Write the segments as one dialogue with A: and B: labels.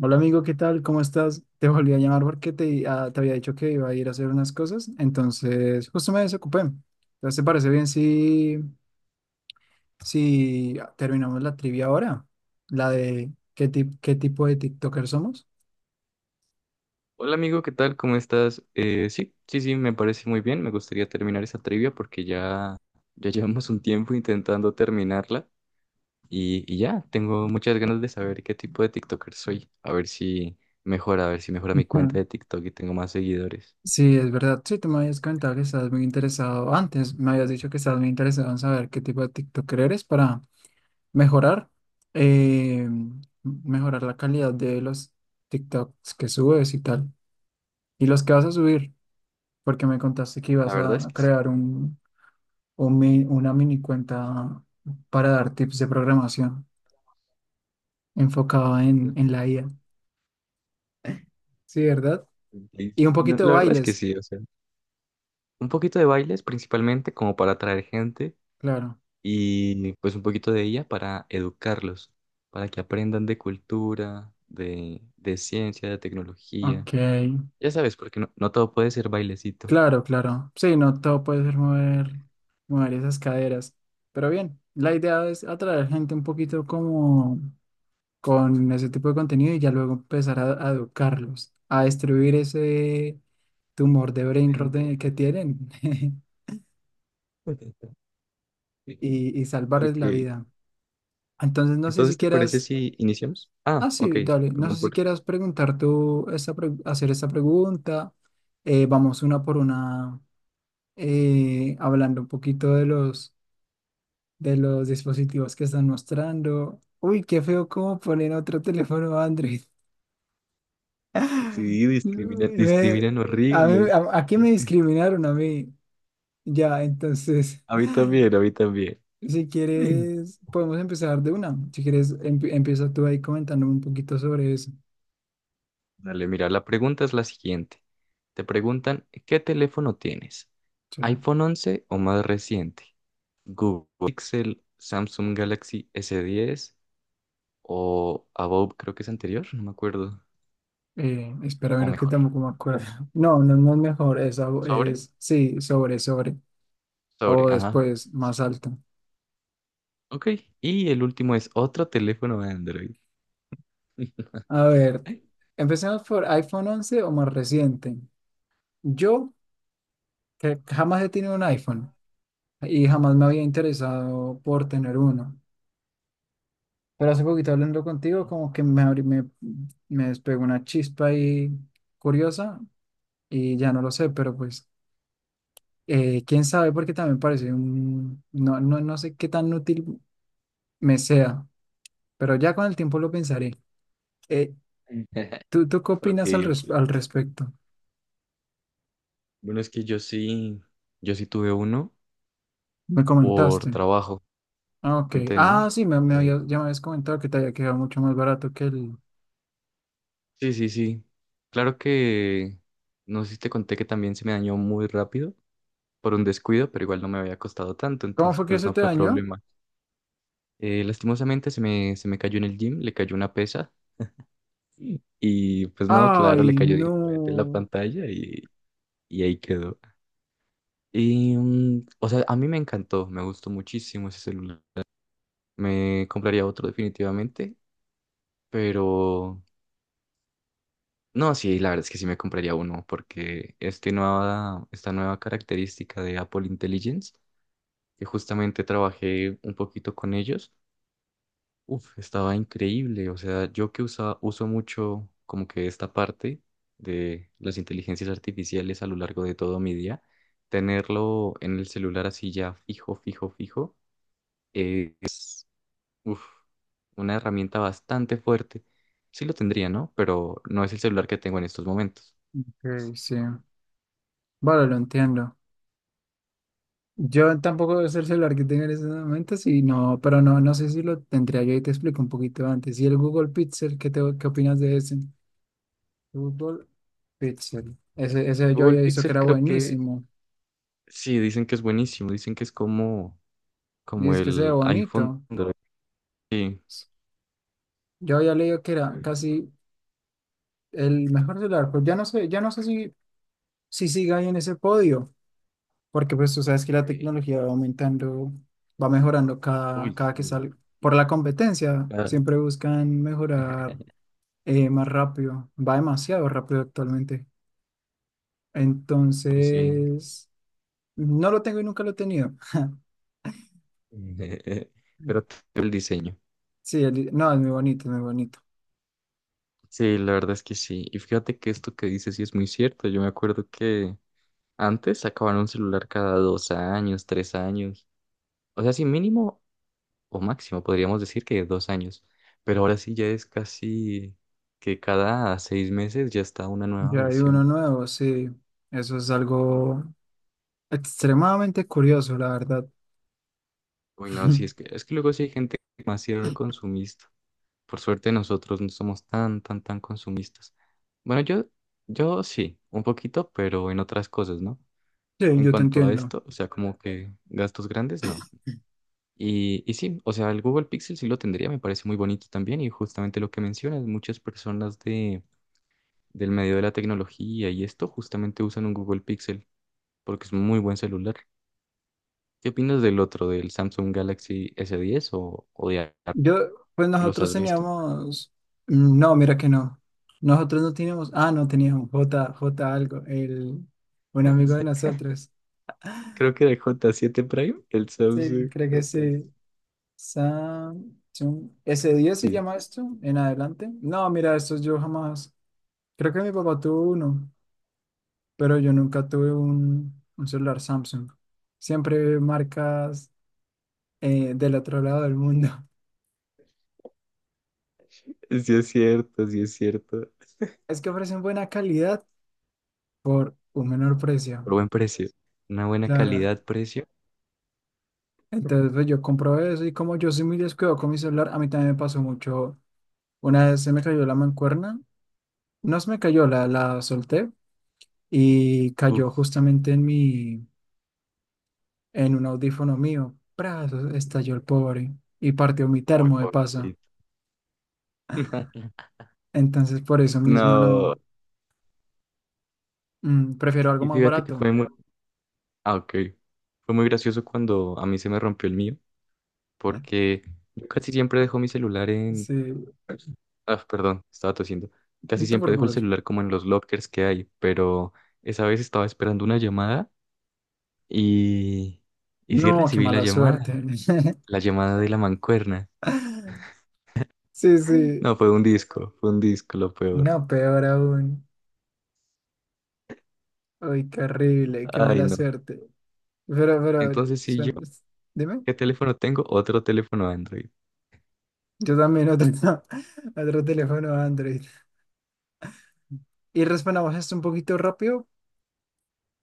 A: Hola amigo, ¿qué tal? ¿Cómo estás? Te volví a llamar porque te había dicho que iba a ir a hacer unas cosas, entonces justo me desocupé. Entonces, ¿te parece bien si terminamos la trivia ahora? La de qué tipo de TikToker somos.
B: Hola amigo, ¿qué tal? ¿Cómo estás? Sí, me parece muy bien. Me gustaría terminar esa trivia porque ya llevamos un tiempo intentando terminarla y ya, tengo muchas ganas de saber qué tipo de TikToker soy. A ver si mejora mi
A: Ujú.
B: cuenta de TikTok y tengo más seguidores.
A: Sí, es verdad. Sí, tú me habías comentado que estabas muy interesado. Antes me habías dicho que estabas muy interesado en saber qué tipo de TikToker eres para mejorar, eh, mejorar la calidad de los TikToks que subes y tal. Y los que vas a subir. Porque me contaste que
B: La
A: ibas
B: verdad es
A: a
B: que sí.
A: crear una mini cuenta para dar tips de programación enfocada en, en la IA. Sí, ¿verdad? Y un
B: No,
A: poquito de
B: la verdad es que
A: bailes,
B: sí, o sea, un poquito de bailes principalmente como para atraer gente
A: claro.
B: y pues un poquito de ella para educarlos, para que aprendan de cultura, de ciencia, de tecnología.
A: Ok,
B: Ya sabes, porque no todo puede ser bailecito.
A: claro, claro. Sí, no todo puede ser mover, mover esas caderas. Pero bien, la idea es atraer gente un poquito como con ese tipo de contenido y ya luego empezar a educarlos, a destruir ese tumor de brain rot que tienen. Y, y salvarles
B: Ok,
A: la vida. Entonces, no sé
B: entonces,
A: si
B: ¿te parece
A: quieras,
B: si iniciamos? Ah,
A: ah,
B: ok,
A: sí, dale, no
B: perdón
A: sé si
B: por...
A: quieras preguntar tú, hacer esta pregunta. Vamos una por una, hablando un poquito de de los dispositivos que están mostrando. Uy, qué feo cómo ponen otro teléfono Android.
B: Sí, discriminan,
A: Me-
B: discriminan horrible.
A: aquí me
B: Este,
A: discriminaron a mí, ya, entonces.
B: A mí también, a mí también.
A: Si
B: Sí.
A: quieres, podemos empezar de una. Si quieres, empieza tú ahí comentándome un poquito sobre eso.
B: Dale, mira, la pregunta es la siguiente. Te preguntan, ¿qué teléfono tienes?
A: Sí, ¿no?
B: ¿iPhone 11 o más reciente? Google Pixel, Samsung Galaxy S10 o Above, creo que es anterior, no me acuerdo.
A: Espera,
B: O
A: ver que
B: mejor.
A: tampoco me acuerdo. No, no, no es mejor. Esa
B: ¿Sobre?
A: es, sí, sobre, sobre.
B: Sobre,
A: O
B: ajá.
A: después,
B: Sí.
A: más alto.
B: Ok. Y el último es otro teléfono de Android.
A: A ver,
B: Ok,
A: empecemos por iPhone 11 o más reciente. Yo, que jamás he tenido un iPhone y jamás me había interesado por tener uno. Pero hace poquito hablando contigo, como que me despegó una chispa ahí curiosa y ya no lo sé, pero pues quién sabe, porque también parece no, no, no sé qué tan útil me sea, pero ya con el tiempo lo pensaré. Eh, ¿tú qué
B: ok.
A: opinas
B: Ok.
A: al respecto?
B: Bueno, es que yo sí tuve uno
A: Me
B: por
A: comentaste.
B: trabajo,
A: Ah, ok.
B: conté,
A: Ah,
B: ¿no?
A: sí,
B: Eh,
A: ya me habías comentado que te había quedado mucho más barato que el...
B: sí. Claro que, no sé si te conté que también se me dañó muy rápido por un descuido, pero igual no me había costado tanto,
A: ¿Cómo
B: entonces
A: fue que
B: pues
A: se
B: no
A: te
B: fue
A: dañó?
B: problema. Lastimosamente se me cayó en el gym, le cayó una pesa y pues no, claro, le
A: Ay,
B: cayó directamente en la
A: no.
B: pantalla y ahí quedó. Y, mm, o sea, a mí me encantó, me gustó muchísimo ese celular. Me compraría otro definitivamente, pero no, sí, la verdad es que sí me compraría uno porque esta nueva característica de Apple Intelligence, que justamente trabajé un poquito con ellos. Uf, estaba increíble. O sea, uso mucho como que esta parte de las inteligencias artificiales a lo largo de todo mi día, tenerlo en el celular así ya fijo, es uf, una herramienta bastante fuerte. Sí lo tendría, ¿no? Pero no es el celular que tengo en estos momentos.
A: Ok, sí. Vale, lo entiendo. Yo tampoco es el celular que tengo en ese momentos y no, pero no, no sé si lo tendría yo y te explico un poquito antes. ¿Y el Google Pixel, qué opinas de ese? Google Pixel. Ese yo
B: Google
A: había visto que
B: Pixel
A: era
B: creo que
A: buenísimo.
B: sí, dicen que es buenísimo, dicen que es como,
A: Y
B: como
A: es que se ve
B: el iPhone.
A: bonito.
B: Sí.
A: Yo había leído que era casi el mejor celular. Pues ya no sé si siga ahí en ese podio, porque pues tú sabes que la
B: Ok.
A: tecnología va aumentando, va mejorando cada,
B: Uy,
A: cada que
B: sí.
A: sale. Por la competencia,
B: Ah,
A: siempre buscan mejorar más rápido, va demasiado rápido actualmente.
B: uy, sí.
A: Entonces, no lo tengo y nunca lo he tenido.
B: Pero todo el diseño.
A: Sí, no, es muy bonito, es muy bonito.
B: Sí, la verdad es que sí. Y fíjate que esto que dices sí es muy cierto. Yo me acuerdo que antes sacaban un celular cada 2 años, 3 años. O sea, sí, mínimo o máximo podríamos decir que 2 años. Pero ahora sí ya es casi que cada 6 meses ya está una nueva
A: Ya hay uno
B: versión.
A: nuevo, sí. Eso es algo extremadamente curioso, la verdad.
B: Uy, no, sí, es que, es que luego sí hay gente demasiado consumista. Por suerte nosotros no somos tan consumistas. Bueno, yo sí, un poquito, pero en otras cosas, ¿no?
A: Sí,
B: En
A: yo te
B: cuanto a
A: entiendo.
B: esto, o sea, como que gastos grandes, no. Y sí, o sea, el Google Pixel sí lo tendría, me parece muy bonito también. Y justamente lo que mencionas, muchas personas del medio de la tecnología y esto justamente usan un Google Pixel porque es un muy buen celular. ¿Qué opinas del otro, del Samsung Galaxy s diez o de Apple?
A: Yo, pues
B: ¿Los
A: nosotros
B: has visto?
A: teníamos, no, mira que no. Nosotros no teníamos, no teníamos J algo, el, un amigo de nosotros.
B: Creo que de J7 Prime, el
A: Sí,
B: Samsung
A: creo que
B: J.
A: sí. Samsung S10 se
B: Sí,
A: llama esto en adelante. No, mira, estos yo jamás. Creo que mi papá tuvo uno, pero yo nunca tuve un celular Samsung. Siempre marcas del otro lado del mundo.
B: sí es cierto, sí es cierto.
A: Es que ofrecen buena calidad por un menor
B: Por
A: precio,
B: buen precio, una buena
A: claro.
B: calidad-precio.
A: Entonces, pues, yo compro eso y como yo soy muy descuidado con mi celular, a mí también me pasó mucho. Una vez se me cayó la mancuerna, no se me cayó, la solté y
B: Uf.
A: cayó justamente en mi En un audífono mío, ¡pras! Estalló el pobre y partió mi
B: Muy
A: termo de pasa.
B: pobrecito.
A: Entonces, por eso mismo
B: No,
A: no. Mm, prefiero algo
B: y
A: más
B: fíjate que
A: barato.
B: fue muy, ah, ok. Fue muy gracioso cuando a mí se me rompió el mío,
A: ¿No?
B: porque yo casi siempre dejo mi celular en,
A: Sí,
B: ah, perdón, estaba tosiendo. Casi
A: no te
B: siempre dejo el
A: preocupes.
B: celular como en los lockers que hay, pero esa vez estaba esperando una llamada y, y sí
A: No, qué
B: recibí
A: mala suerte.
B: la llamada de la mancuerna.
A: Sí,
B: Ay.
A: sí.
B: No, fue un disco lo peor.
A: No, peor aún. Ay, qué horrible, qué
B: Ay,
A: mala
B: no.
A: suerte. Pero,
B: Entonces, si yo,
A: suena- dime.
B: ¿qué teléfono tengo? Otro teléfono Android.
A: Yo también otro, otro teléfono Android. Y respondamos esto un poquito rápido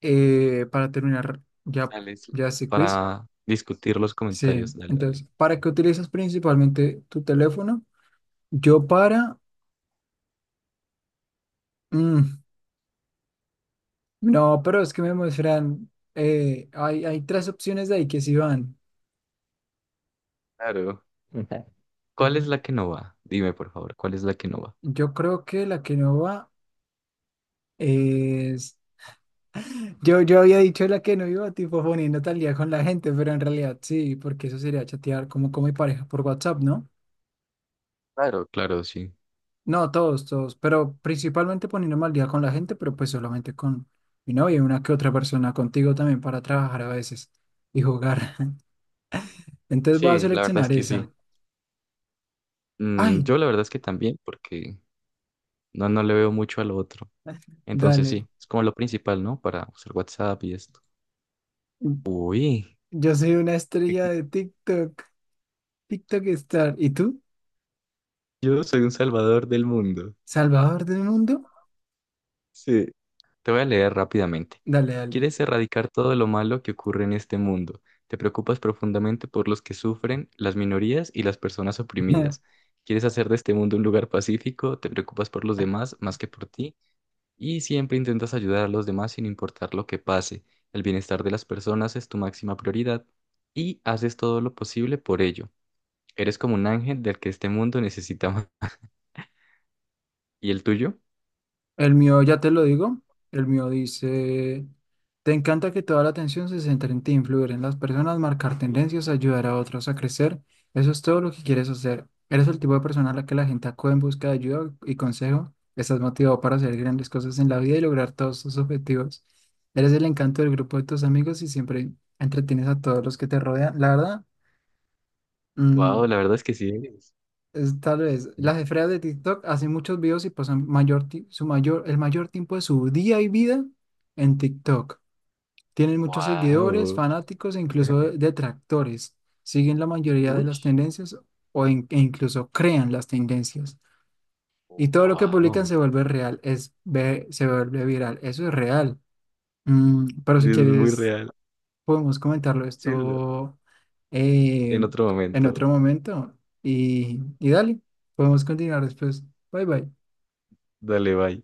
A: para terminar ya,
B: Dale, sí,
A: ya este quiz.
B: para discutir los
A: Sí,
B: comentarios. Dale, dale.
A: entonces, ¿para qué utilizas principalmente tu teléfono? Yo para... mm, no, pero es que me muestran... hay tres opciones de ahí que sí van.
B: Claro. Ujú. ¿Cuál es
A: Mm,
B: la que no va? Dime, por favor, ¿cuál es la que no va?
A: yo creo que la que no va es... Yo había dicho la que no iba, tipo poniendo tal día con la gente, pero en realidad sí, porque eso sería chatear como con mi pareja por WhatsApp, ¿no?
B: Claro, claro, sí.
A: No, todos, todos, pero principalmente poniéndome al día con la gente, pero pues solamente con mi novia y una que otra persona contigo también para trabajar a veces y jugar. Entonces voy a
B: Sí, la verdad es
A: seleccionar
B: que sí.
A: esa.
B: Mm,
A: Ay,
B: yo la verdad es que también, porque no le veo mucho a lo otro. Entonces
A: dale.
B: sí, es como lo principal, ¿no? Para usar WhatsApp y esto. Uy,
A: Yo soy una estrella de TikTok, TikTok Star. ¿Y tú?
B: yo soy un salvador del mundo.
A: ¿Salvador del mundo?
B: Sí. Te voy a leer rápidamente.
A: Dale, dale.
B: Quieres erradicar todo lo malo que ocurre en este mundo. Te preocupas profundamente por los que sufren, las minorías y las personas oprimidas. Quieres hacer de este mundo un lugar pacífico, te preocupas por los demás más que por ti y siempre intentas ayudar a los demás sin importar lo que pase. El bienestar de las personas es tu máxima prioridad y haces todo lo posible por ello. Eres como un ángel del que este mundo necesita más. ¿Y el tuyo?
A: El mío, ya te lo digo, el mío dice, te encanta que toda la atención se centre en ti, influir en las personas, marcar tendencias, ayudar a otros a crecer. Eso es todo lo que quieres hacer. Eres el tipo de persona a la que la gente acude en busca de ayuda y consejo. Estás motivado para hacer grandes cosas en la vida y lograr todos tus objetivos. Eres el encanto del grupo de tus amigos y siempre entretienes a todos los que te rodean. La verdad,
B: Wow,
A: mm,
B: la verdad es que sí eres.
A: tal vez las esferas de TikTok hacen muchos videos y pasan mayor, ti- su mayor, el mayor tiempo de su día y vida en TikTok. Tienen muchos seguidores,
B: Wow.
A: fanáticos e incluso detractores. Siguen la mayoría de
B: Uy,
A: las tendencias e incluso crean las tendencias. Y todo lo que publican
B: wow.
A: se vuelve real, se vuelve viral. Eso es real. Mm, pero
B: Es
A: si
B: muy
A: quieres
B: real.
A: podemos comentarlo
B: Sí, lo-
A: esto eh,
B: en otro
A: en
B: momento.
A: otro momento. Y dale, podemos continuar después. Bye bye.
B: Dale, bye.